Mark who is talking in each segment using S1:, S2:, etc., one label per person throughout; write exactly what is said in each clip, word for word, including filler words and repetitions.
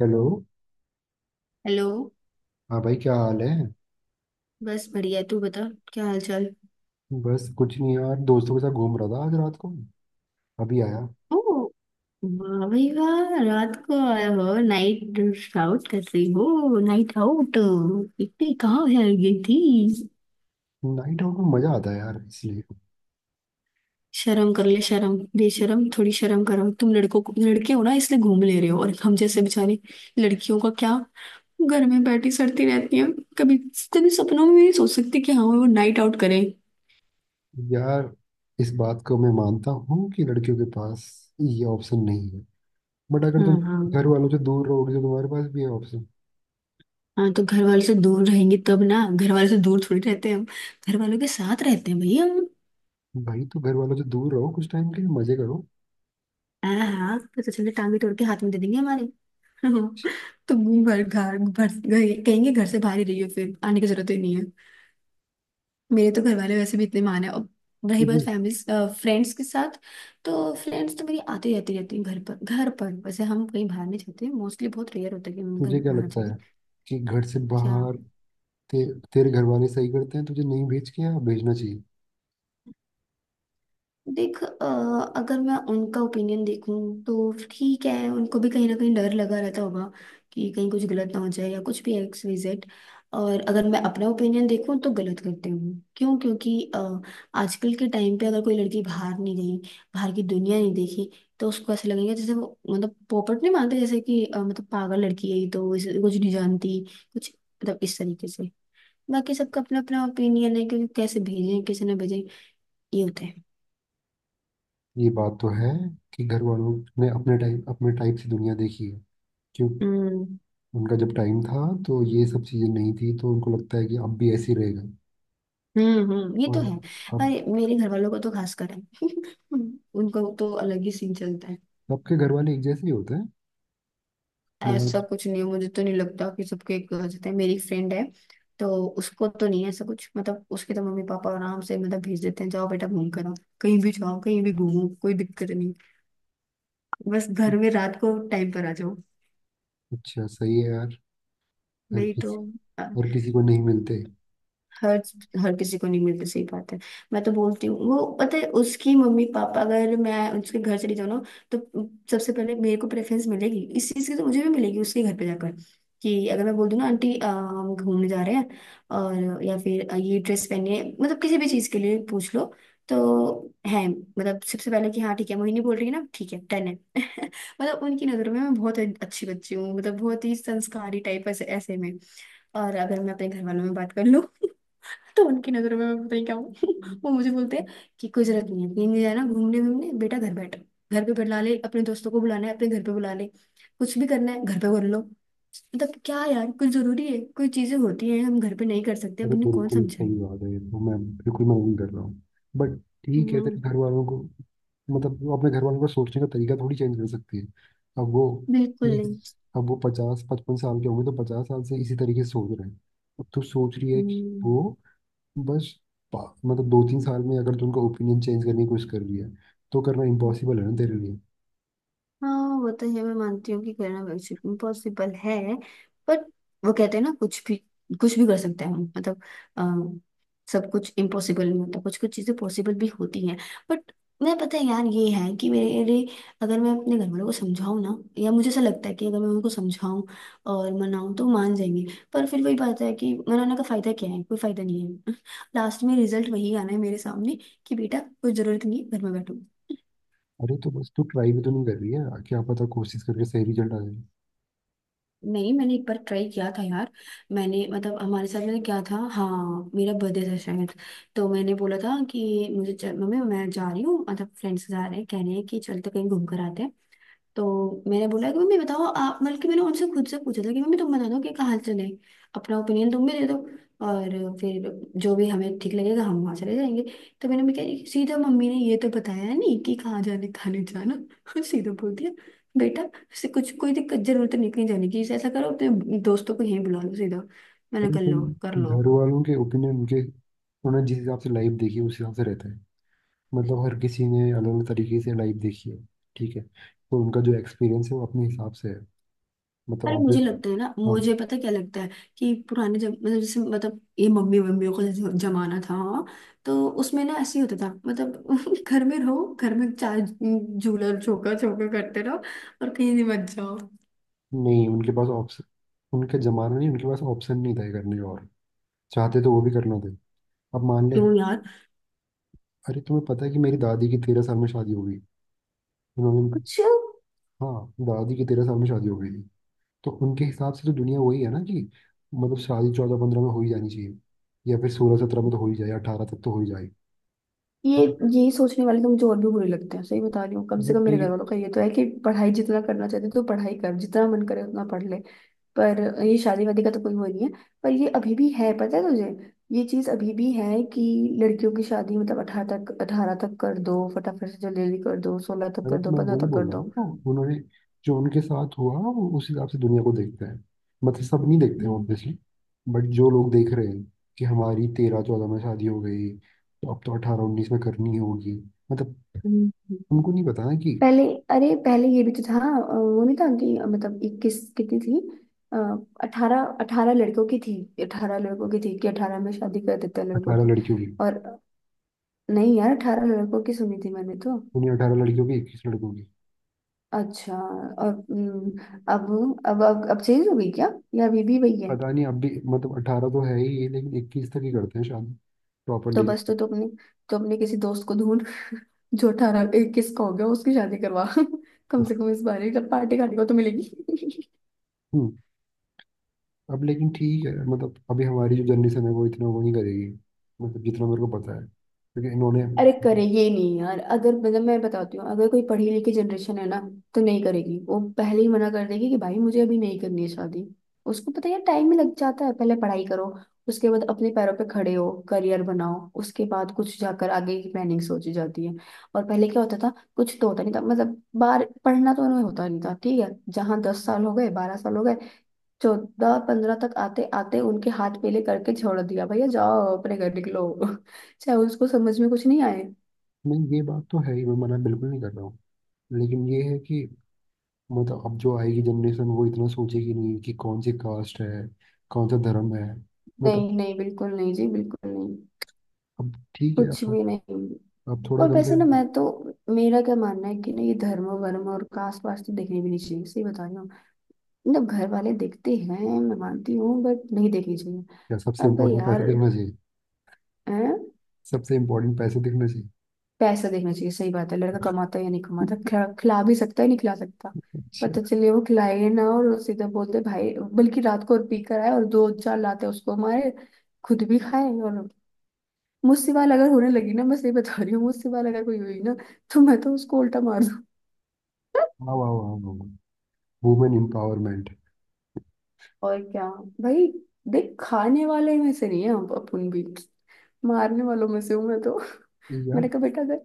S1: Hello.
S2: Hello.
S1: हाँ भाई, क्या हाल है?
S2: बस बढ़िया। तू बता क्या हाल चाल।
S1: बस कुछ नहीं यार, दोस्तों के साथ घूम रहा था आज रात को, अभी आया।
S2: ओ। वाह भाई वाह। रात को आया हो नाइट आउट कर रही हो नाइट आउट। इतनी कहाँ है गई थी।
S1: नाइट आउट में मजा आता है यार, इसलिए।
S2: शर्म कर ले शर्म। बेशर्म थोड़ी शर्म करो तुम लड़कों को, लड़के हो ना इसलिए घूम ले रहे हो और हम जैसे बेचारी लड़कियों का क्या। घर में बैठी सड़ती रहती है। कभी कभी सपनों में भी नहीं सोच सकती कि हाँ वो नाइट आउट करें।
S1: यार, इस बात को मैं मानता हूँ कि लड़कियों के पास ये ऑप्शन नहीं है। बट अगर तुम
S2: हाँ हाँ।
S1: घर वालों से दूर रहोगे तो तुम्हारे पास भी है ऑप्शन।
S2: हाँ तो घर वालों से दूर रहेंगे तब ना। घर वालों से दूर थोड़ी रहते हैं हम। घर वालों के साथ रहते हैं भैया हम।
S1: भाई तो घर वालों से दूर रहो, कुछ टाइम के लिए मजे करो।
S2: हाँ हाँ, पता चले टांगे तोड़ के हाथ में दे देंगे हमारे। तो घर घर घर कहेंगे घर से बाहर ही रहियो फिर आने की जरूरत ही नहीं है। मेरे तो घर वाले वैसे भी इतने माने। और रही बात
S1: तुझे
S2: फैमिली फ्रेंड्स के साथ तो फ्रेंड्स तो मेरी आती जाती रहती है घर पर। घर पर वैसे हम कहीं बाहर नहीं जाते, मोस्टली बहुत रेयर होता है कि हम घर
S1: तुझे क्या
S2: बाहर
S1: लगता
S2: जाएं।
S1: है कि घर से
S2: क्या।
S1: बाहर ते, तेरे घर वाले सही करते हैं तुझे नहीं भेज के, या भेजना चाहिए?
S2: देख, अ, अगर मैं उनका ओपिनियन देखूं तो ठीक है, उनको भी कहीं ना कहीं डर लगा रहता होगा कि कहीं कुछ गलत ना हो जाए या कुछ भी एक्स वाई जेड। और अगर मैं अपना ओपिनियन देखूं तो गलत करते हूँ क्यों, क्योंकि अ, आजकल के टाइम पे अगर कोई लड़की बाहर नहीं गई, बाहर की दुनिया नहीं देखी, तो उसको ऐसा लगेगा जैसे वो मतलब पोपट नहीं मानते, जैसे कि अ, मतलब पागल लड़की है ये, तो इसे कुछ नहीं जानती, कुछ मतलब इस तरीके से। बाकी सबका अपना अपना ओपिनियन है क्योंकि कैसे भेजें कैसे ना भेजें ये होता है।
S1: ये बात तो है कि घर वालों ने अपने टाइप अपने टाइप से दुनिया देखी है, क्यों।
S2: हम्म।
S1: उनका जब टाइम था तो ये सब चीज़ें नहीं थी, तो उनको लगता है कि अब भी ऐसे ही रहेगा।
S2: हम्म। हम्म, ये तो
S1: और
S2: है।
S1: अब
S2: अरे मेरे घर वालों को तो खास कर है। उनको तो अलग ही सीन चलता है।
S1: सबके घर वाले एक जैसे ही होते हैं, मैं।
S2: ऐसा कुछ नहीं है, मुझे तो नहीं लगता कि सबके एक हो जाते हैं। मेरी फ्रेंड है तो उसको तो नहीं है ऐसा कुछ, मतलब उसके तो मम्मी पापा आराम से मतलब भेज देते हैं, जाओ बेटा घूम कर आओ, कहीं भी जाओ कहीं भी घूमो कोई दिक्कत नहीं, बस
S1: तो,
S2: घर में रात को टाइम पर आ जाओ।
S1: अच्छा सही है यार। हर
S2: वही तो।
S1: किसी हर किसी को नहीं मिलते।
S2: हर हर किसी को नहीं मिलती, सही बात है। मैं तो बोलती हूँ, वो पता है उसकी मम्मी पापा, अगर मैं उसके घर चली जाऊँ ना तो सबसे पहले मेरे को प्रेफरेंस मिलेगी इस चीज़ की, तो मुझे भी मिलेगी उसके घर पे जाकर। कि अगर मैं बोल दूँ ना आंटी अ, हम घूमने जा रहे हैं, और या फिर अ, ये ड्रेस पहनिए, मतलब किसी भी चीज़ के लिए पूछ लो तो है, मतलब सबसे पहले कि हाँ ठीक है मोहिनी बोल रही है ना ठीक है डन है। मतलब उनकी नज़रों में मैं बहुत अच्छी बच्ची हूँ, मतलब बहुत ही संस्कारी टाइप, ऐसे ऐसे में। और अगर मैं अपने घर वालों में बात कर लूँ तो उनकी नजरों में मैं पता नहीं क्या हूँ। वो मुझे बोलते हैं कि कोई जरूरत नहीं है, कहीं नहीं जाना घूमने घूमने, बेटा घर बैठ, घर पे बुला ले अपने दोस्तों को, बुलाना है अपने घर पे बुला ले, कुछ भी करना है घर पे कर लो। मतलब क्या यार, कुछ जरूरी है कोई चीजें होती हैं हम घर पे नहीं कर सकते, अब
S1: अरे
S2: उन्हें कौन
S1: बिल्कुल सही
S2: समझाए।
S1: बात है, ये तो मैं बिल्कुल मैं वही कर रहा हूँ। बट ठीक है, तेरे
S2: हम्म।
S1: घर वालों को मतलब वो अपने घर वालों का सोचने का तरीका थोड़ी चेंज कर सकती है। अब वो
S2: बिल्कुल
S1: ठीक
S2: नहीं।
S1: अब वो पचास पचपन साल के होंगे, तो पचास साल से इसी तरीके से सोच रहे हैं। अब तू सोच रही है कि
S2: हम्म।
S1: वो बस पा- मतलब दो तीन साल में अगर तू उनका ओपिनियन चेंज करने की कोशिश कर रही है तो करना इम्पॉसिबल है ना तेरे लिए।
S2: हाँ, वो तो ये मैं मानती हूँ कि करना वर्कशिप इम्पॉसिबल है, बट वो कहते हैं ना कुछ भी कुछ भी कर सकते हैं हम, मतलब अ, सब कुछ इम्पॉसिबल नहीं होता, कुछ कुछ चीजें पॉसिबल भी होती हैं, बट मैं पता है यार ये है कि मेरे, अगर मैं अपने घर वालों को समझाऊँ ना, या मुझे ऐसा लगता है कि अगर मैं उनको समझाऊँ और मनाऊँ तो मान जाएंगे। पर फिर वही बात है कि मनाने का फायदा क्या है, कोई फायदा नहीं है। लास्ट में रिजल्ट वही आना है मेरे सामने कि बेटा कोई जरूरत नहीं है घर में बैठो।
S1: अरे तो बस तू ट्राई भी तो नहीं कर रही है, क्या पता कोशिश करके सही रिजल्ट आ जाए।
S2: नहीं, मैंने एक बार ट्राई किया था यार। मैंने मतलब हमारे साथ मैंने क्या था, हाँ मेरा बर्थडे था शायद। तो मैंने बोला था कि मुझे चल, मम्मी मैं जा रही हूँ, मतलब फ्रेंड्स जा रहे हैं कह रहे हैं कि चलते कहीं घूम कर आते हैं। तो मैंने बोला कि मम्मी बताओ आप, बल्कि मैंने उनसे खुद से पूछा था कि मम्मी तुम बता दो कि कहाँ चले, अपना ओपिनियन तुम भी दे दो, और फिर जो भी हमें ठीक लगेगा हम वहाँ चले जाएंगे। तो मैंने मैं कह सीधा मम्मी ने ये तो बताया नहीं कि कहाँ जाने खाने जाना। सीधा बोल दिया बेटा से, कुछ कोई दिक्कत जरूरत नहीं कहीं जाने की, ऐसा करो अपने दोस्तों को यहीं बुला लो सीधा। मैंने
S1: अरे
S2: कर लो कर
S1: भाई,
S2: लो।
S1: घर वालों के ओपिनियन उनके उन्होंने जिस हिसाब से लाइफ देखी है उस हिसाब से रहता है। मतलब हर किसी ने अलग अलग तरीके से लाइफ देखी है। ठीक है, तो उनका जो एक्सपीरियंस है वो अपने हिसाब से है। मतलब
S2: अरे मुझे
S1: ऑब्वियस।
S2: लगता है ना,
S1: हाँ।
S2: मुझे पता क्या लगता है कि पुराने जब मतलब जैसे मतलब ये मम्मी मम्मियों का जो जमाना था हाँ, तो उसमें ना ऐसे ही होता था मतलब, घर में रहो घर में चार झूला झोंका झोंका करते रहो और कहीं नहीं मत जाओ।
S1: नहीं उनके पास ऑप्शन उनका जमाना नहीं, उनके पास ऑप्शन नहीं था ये करने का, और चाहते तो वो भी करना थे। अब मान ले,
S2: क्यों यार।
S1: अरे तुम्हें पता है कि मेरी दादी की तेरह साल में शादी हो गई? उन्होंने।
S2: कुछ
S1: हाँ, दादी की तेरह साल में शादी हो गई थी। तो उनके हिसाब से तो दुनिया वही है ना, कि मतलब शादी चौदह पंद्रह में हो ही जानी चाहिए, या फिर सोलह सत्रह में तो हो ही जाए, अठारह तक तो हो ही जाए।
S2: ये
S1: बट
S2: ये सोचने वाले तो मुझे और भी बुरे लगते हैं, सही बता रही हूँ, कम से
S1: बट
S2: कम मेरे घर
S1: लेकिन
S2: वालों का ये तो है कि पढ़ाई जितना करना चाहते तो पढ़ाई कर, जितना मन करे उतना पढ़ ले। पर ये शादी वादी का तो कोई वो नहीं है। पर ये अभी भी है, पता है तुझे, ये चीज अभी भी है कि लड़कियों की शादी मतलब अठारह तक अठारह तक कर दो, फटाफट से जल्दी जल्दी कर दो, सोलह तक
S1: अरे
S2: कर
S1: तो
S2: दो,
S1: मैं
S2: पंद्रह
S1: वही
S2: तक
S1: बोल
S2: कर
S1: रहा
S2: दो।
S1: हूँ, तो उन्होंने जो उनके साथ हुआ वो उस हिसाब से दुनिया को देखते हैं। मतलब सब नहीं देखते हैं
S2: हम्म,
S1: ऑब्वियसली। बट जो लोग देख रहे हैं कि हमारी तेरह चौदह में शादी हो गई तो अब तो अठारह उन्नीस में करनी होगी। मतलब
S2: हम्म, हम्म।
S1: उनको नहीं पता ना, कि
S2: पहले अरे पहले ये भी तो था, अ, वो नहीं था कि, अ, मतलब इक्कीस कितनी थी, अठारह, अठारह लड़कों की थी, अठारह लड़कों की थी कि अठारह में शादी कर देते हैं लड़कों
S1: अठारह
S2: की,
S1: लड़कियों की
S2: और नहीं यार अठारह लड़कों की सुनी थी मैंने तो।
S1: उन्हीं अठारह लड़कियों की, इक्कीस लड़कों की।
S2: अच्छा, और हम्म, अब अब अब अब चेंज हो गई क्या, या अभी भी वही है।
S1: पता नहीं। अब भी मतलब अठारह तो है ही ये, लेकिन इक्कीस तक ही करते हैं शादी। प्रॉपर
S2: तो
S1: डील।
S2: बस, तो तुमने, तो अपने किसी दोस्त को ढूंढ जो अठारह इक्कीस का हो गया, उसकी शादी करवा, कम से कम इस बार ही पार्टी खाने को तो मिलेगी।
S1: हम्म। अब लेकिन ठीक है मतलब अभी हमारी जो जनरेशन है वो इतना वो नहीं करेगी। मतलब जितना मेरे को पता है क्योंकि इन्होंने,
S2: अरे करे ये नहीं यार, अगर मतलब मैं बताती हूँ, अगर कोई पढ़ी लिखी जनरेशन है ना तो नहीं करेगी, वो पहले ही मना कर देगी कि भाई मुझे अभी नहीं करनी है शादी। उसको पता है टाइम ही लग जाता है, पहले पढ़ाई करो, उसके बाद अपने पैरों पे खड़े हो करियर बनाओ, उसके बाद कुछ जाकर आगे की प्लानिंग सोची जाती है। और पहले क्या होता था, कुछ तो होता नहीं था, मतलब बार पढ़ना तो उन्हें होता नहीं था ठीक है, जहाँ दस साल हो गए बारह साल हो गए, चौदह पंद्रह तक आते आते उनके हाथ पीले करके छोड़ दिया भैया, जाओ अपने घर निकलो। चाहे उसको समझ में कुछ नहीं आए।
S1: नहीं ये बात तो है ही, मैं मना बिल्कुल नहीं कर रहा हूँ, लेकिन ये है कि मतलब अब जो आएगी जनरेशन वो इतना सोचेगी नहीं कि कौन सी कास्ट है, कौन सा धर्म है मतलब।
S2: नहीं नहीं बिल्कुल नहीं जी, बिल्कुल नहीं।
S1: अब ठीक है,
S2: कुछ
S1: अब
S2: भी नहीं।
S1: अब थोड़ा
S2: और
S1: कम से
S2: वैसे ना,
S1: कम।
S2: मैं तो, मेरा क्या मानना है कि ना, ये धर्म वर्म और कास्ट वास्ट तो देखने भी नहीं चाहिए, सही बता रही हूँ, मतलब घर वाले देखते हैं मैं मानती हूँ, बट नहीं देखनी चाहिए।
S1: क्या सबसे
S2: अब
S1: इम्पोर्टेंट पैसे
S2: यार।
S1: दिखना चाहिए?
S2: हैं?
S1: सबसे इम्पोर्टेंट पैसे दिखना चाहिए।
S2: पैसा देखना चाहिए, सही बात है, लड़का कमाता है या नहीं कमाता, खिला, खिला भी सकता है नहीं खिला सकता।
S1: अच्छा।
S2: पता चले वो खिलाए ना, और सीधा बोलते भाई, बल्कि रात को और पी कर आए और दो चार लाते उसको मारे, खुद भी खाए और मुझसे बाल अगर होने लगी ना, मैं सही बता रही हूँ, मुझसे बाल अगर कोई हुई ना तो मैं तो उसको उल्टा मार दूँ।
S1: वाह वाह वाह वाह, वुमेन एम्पावरमेंट।
S2: और क्या भाई। देख खाने वाले में से नहीं है हम, अपन भी मारने वालों में से हूँ मैं तो।
S1: यार
S2: मैंने कहा बेटा, अगर,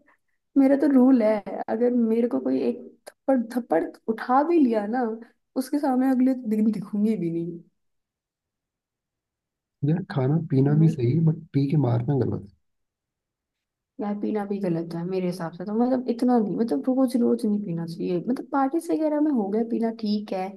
S2: मेरा तो रूल है, अगर मेरे को कोई एक थप्पड़ थप्पड़ उठा भी लिया ना, उसके सामने अगले दिन दिखूंगी भी नहीं।
S1: यार खाना पीना भी
S2: मैं।
S1: सही है, बट पी के मारना गलत
S2: यार पीना भी गलत है मेरे हिसाब से तो, मतलब इतना नहीं, मतलब रोज रोज नहीं पीना चाहिए, मतलब पार्टीज वगैरह में हो गया पीना ठीक है,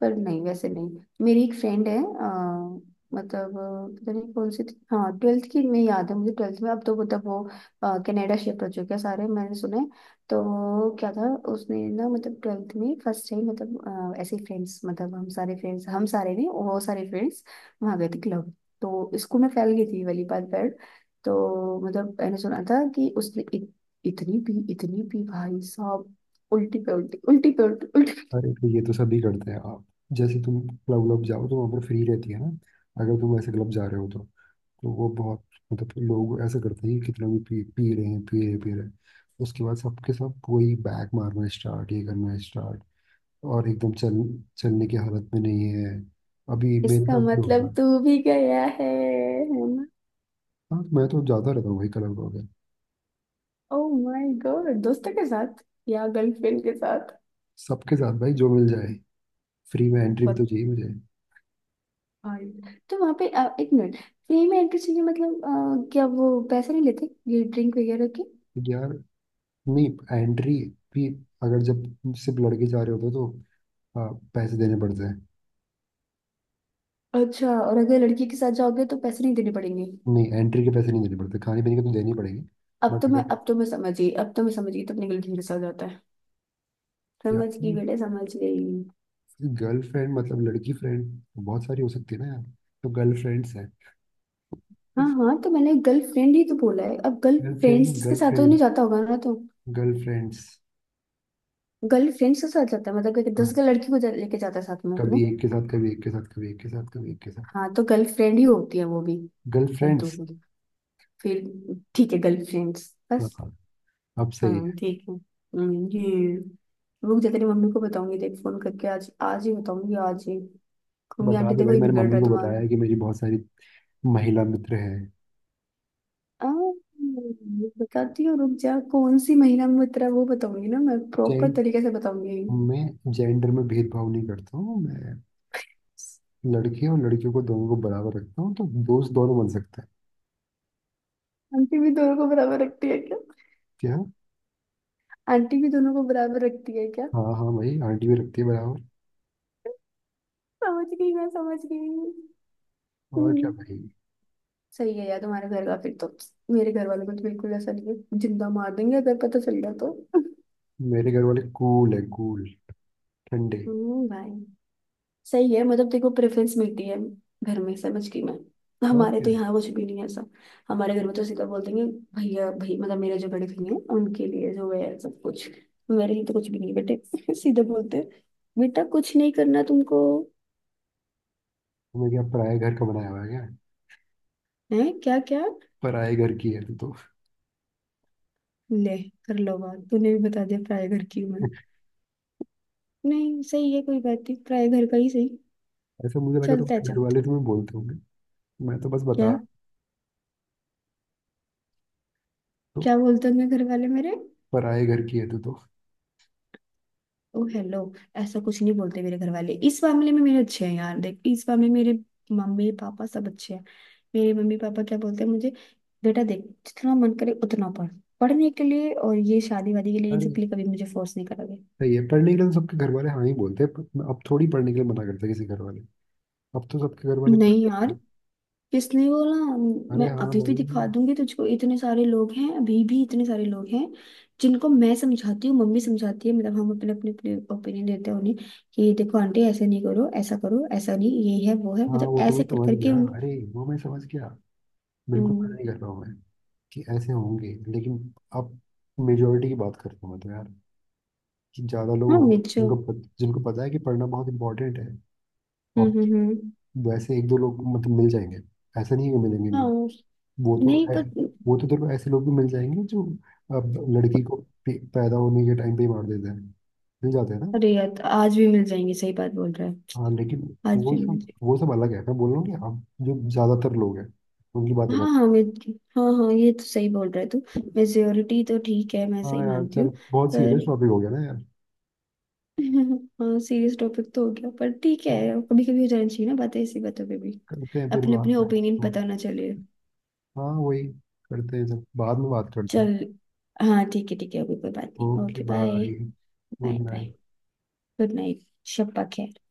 S2: पर नहीं वैसे नहीं। मेरी एक फ्रेंड है अ, मतलब अ, पता नहीं कौन सी थी, हाँ ट्वेल्थ की, में याद है मुझे ट्वेल्थ में, अब तो मतलब वो अ, कनाडा शिफ्ट हो चुके हैं सारे मैंने सुना है। तो क्या था उसने ना, मतलब ट्वेल्थ में फर्स्ट टाइम, मतलब अ, ऐसे फ्रेंड्स, मतलब हम सारे फ्रेंड्स, हम सारे नहीं वो सारे फ्रेंड्स वहाँ गए थे क्लब, तो स्कूल में फैल गई थी ये वाली बात। तो मतलब मैंने सुना था कि उसने इत, इतनी पी इतनी पी भाई साहब, उल्टी पे उल्टी उल्टी पे उल्टी उल्टी।
S1: है। अरे तो ये तो सभी करते हैं। आप जैसे तुम क्लब व्लब जाओ तो वहाँ पर फ्री रहती है ना, अगर तुम ऐसे क्लब जा रहे हो तो। तो वो बहुत मतलब लोग ऐसा करते हैं कि कितना भी पी, पी रहे हैं पी रहे हैं, पी रहे हैं। उसके बाद सबके सब वही बैक मारना स्टार्ट, ये करना स्टार्ट, और एकदम चल चलने की हालत में नहीं है। अभी मेरे
S2: इसका
S1: साथ भी
S2: मतलब
S1: होगा।
S2: तू भी गया है है ना।
S1: हाँ मैं तो जाता रहता हूँ वही क्लब वगैरह,
S2: ओ माय गॉड, दोस्तों के साथ या गर्लफ्रेंड के साथ?
S1: सबके साथ भाई, जो मिल जाए। फ्री में एंट्री भी तो
S2: बहुत
S1: चाहिए मुझे।
S2: भाई। तो वहां पे अ, एक मिनट, फ्री में एंट्री चाहिए मतलब अ, क्या वो पैसे नहीं लेते ये ड्रिंक वगैरह के?
S1: यार नहीं, एंट्री भी अगर जब सिर्फ लड़के जा रहे होते हो तो आ, पैसे देने पड़ते हैं।
S2: अच्छा, और अगर लड़की के साथ जाओगे तो पैसे नहीं देने पड़ेंगे?
S1: नहीं एंट्री के पैसे नहीं देने पड़ते, खाने पीने के तो देने ही पड़ेंगे।
S2: अब
S1: बट
S2: तो मैं
S1: अगर
S2: अब तो मैं समझ गई, अब तो मैं समझ गई, तो अपने गर्लफ्रेंड के साथ जाता है।
S1: यार
S2: समझ गई बेटे, समझ गई।
S1: गर्लफ्रेंड मतलब लड़की फ्रेंड बहुत सारी हो सकती है ना यार। तो गर्लफ्रेंड्स हैं।
S2: हाँ हाँ तो मैंने गर्लफ्रेंड ही तो बोला है, अब
S1: गर्लफ्रेंड नहीं
S2: गर्लफ्रेंड्स के साथ तो
S1: गर्लफ्रेंड,
S2: नहीं जाता होगा ना तो।
S1: गर्लफ्रेंड्स।
S2: गर्लफ्रेंड्स के साथ जाता है मतलब कि दस
S1: हाँ,
S2: का लड़की को जा, लेके जाता है साथ में
S1: कभी
S2: अपने।
S1: एक के साथ, कभी एक के साथ, कभी एक के साथ, कभी एक के साथ।
S2: हाँ तो गर्लफ्रेंड ही होती है वो भी। हद्दों
S1: गर्लफ्रेंड्स।
S2: की। फिर ठीक है गर्लफ्रेंड्स
S1: हाँ
S2: बस।
S1: हाँ, अब सही
S2: हाँ
S1: है।
S2: ठीक है। हम्म, ये रुक जा तेरी मम्मी को बताऊंगी देख फोन करके, आज आज ही बताऊंगी आज ही, कहूंगी
S1: बता
S2: आंटी
S1: दे
S2: देखो
S1: भाई,
S2: ये
S1: मैंने
S2: बिगड़ रहा
S1: मम्मी
S2: है
S1: को
S2: तुम्हारा।
S1: बताया है कि मेरी बहुत सारी महिला मित्र हैं।
S2: आ, बताती हूँ रुक जा, कौन सी महीना में उतरा वो बताऊंगी ना, मैं प्रॉपर
S1: जेंट
S2: तरीके से बताऊंगी।
S1: मैं जेंडर में भेदभाव नहीं करता हूँ मैं। लड़के और लड़कियों को दोनों को बराबर रखता हूँ, तो दोस्त दोनों बन सकते हैं।
S2: आंटी भी दोनों को बराबर रखती है क्या?
S1: क्या?
S2: आंटी भी दोनों को बराबर रखती है क्या?
S1: हाँ हाँ भाई, आंटी भी रखती है बराबर।
S2: समझ गई, मैं समझ गई।
S1: और क्या
S2: हम्म,
S1: भाई।
S2: सही है यार तुम्हारे घर का फिर तो। मेरे घर वालों को तो बिल्कुल ऐसा नहीं है, जिंदा मार देंगे अगर पता चल गया तो।
S1: मेरे घर वाले कूल है, कूल, ठंडे।
S2: हम्म भाई, सही है, मतलब देखो प्रेफरेंस मिलती है घर में, समझ गई मैं।
S1: और
S2: हमारे
S1: क्या।
S2: तो यहाँ कुछ भी नहीं है ऐसा। हमारे घर में तो सीधा बोल देंगे, भैया भाई मतलब, मेरे जो बड़े भैया हैं उनके लिए जो है सब कुछ, मेरे लिए तो कुछ भी नहीं बेटे। सीधा बोलते हैं बेटा कुछ नहीं करना तुमको।
S1: तुम्हें क्या पराए घर का बनाया हुआ है क्या?
S2: है क्या? क्या
S1: पराए घर की है तू तो।
S2: ले, कर लो बात, तूने भी बता दिया प्राय घर की उम्र। नहीं सही है कोई बात नहीं, प्राय घर का ही सही।
S1: ऐसा मुझे लगा
S2: चलता है,
S1: तुम्हारे घर
S2: चलता
S1: वाले
S2: है।
S1: तुम्हें बोलते होंगे। मैं तो बस
S2: क्या?
S1: बता, तो
S2: क्या बोलते हैं मेरे घर वाले मेरे?
S1: पराए घर की है तू तो।
S2: ओ हेलो, ऐसा कुछ नहीं बोलते मेरे घर वाले, इस मामले में मेरे अच्छे हैं यार देख, इस मामले में मेरे मम्मी पापा सब अच्छे हैं। मेरे मम्मी पापा क्या बोलते हैं मुझे, बेटा देख, जितना मन करे उतना पढ़, पढ़ने के लिए, और ये शादी वादी के लिए इन
S1: अरे
S2: सब के लिए कभी मुझे फोर्स नहीं करोगे।
S1: सही है, पढ़ने के लिए तो सबके घर वाले हाँ ही बोलते हैं, पर अब थोड़ी पढ़ने के लिए मना करते हैं किसी घर वाले। अब तो सबके घर वाले
S2: नहीं
S1: पढ़ते
S2: यार,
S1: हैं।
S2: किसने बोला। मैं
S1: अरे हाँ
S2: अभी भी
S1: भाई।
S2: दिखा दूंगी तुझको इतने सारे लोग हैं अभी भी, इतने सारे लोग हैं जिनको मैं समझाती हूँ, मम्मी समझाती है, मतलब हम अपने अपने अपने ओपिनियन देते हैं उन्हें, कि देखो आंटी ऐसे नहीं करो ऐसा करो, ऐसा नहीं ये है वो है,
S1: हाँ
S2: मतलब
S1: वो तो मैं
S2: ऐसे कर
S1: समझ
S2: करके
S1: गया
S2: उन।
S1: अरे वो मैं समझ गया। बिल्कुल मना
S2: हम्म।
S1: नहीं कर रहा हूँ मैं कि ऐसे होंगे, लेकिन अब मेजोरिटी की बात करता हूँ मैं तो यार, कि ज़्यादा लोग
S2: हाँ
S1: हो
S2: मिर्चो।
S1: जिनको पत, जिनको पता है कि पढ़ना बहुत इंपॉर्टेंट है।
S2: हम्म
S1: और
S2: हम्म हम्म।
S1: वैसे एक दो लोग मतलब मिल जाएंगे, ऐसा नहीं है कि मिलेंगे नहीं।
S2: हाँ।
S1: वो तो
S2: नहीं
S1: है।
S2: पर।
S1: वो तो देखो ऐसे लोग भी मिल जाएंगे जो अब लड़की को पे- पैदा होने के टाइम पे ही मार देते हैं, मिल जाते हैं ना।
S2: अरे यार तो आज भी मिल जाएंगे, सही बात बोल रहा है।
S1: हाँ लेकिन
S2: आज
S1: वो
S2: भी मिल
S1: सब
S2: जाएंगे।
S1: वो सब अलग है, मैं बोल रहा हूँ कि अब जो ज़्यादातर लोग हैं उनकी बातें कर।
S2: हाँ हाँ मिर्च। हाँ हाँ, ये तो सही बोल रहा है तू। मेजोरिटी तो ठीक है, मैं सही
S1: हाँ यार
S2: मानती हूँ।
S1: चल, बहुत सीरियस
S2: पर,
S1: टॉपिक हो गया ना यार,
S2: हाँ सीरियस टॉपिक तो हो गया पर ठीक है,
S1: तो
S2: कभी कभी हो जाना चाहिए ना बातें ऐसी बातों पे भी,
S1: करते हैं फिर
S2: अपने अपने
S1: बात यार,
S2: ओपिनियन
S1: छोड़।
S2: पता ना चले।
S1: हाँ वही करते हैं जब, बाद में बात करते हैं।
S2: चल हाँ ठीक है ठीक है, अभी कोई बात नहीं,
S1: okay
S2: okay bye.
S1: Bye, good
S2: bye bye.
S1: Night.
S2: Good night. शब्बा खैर।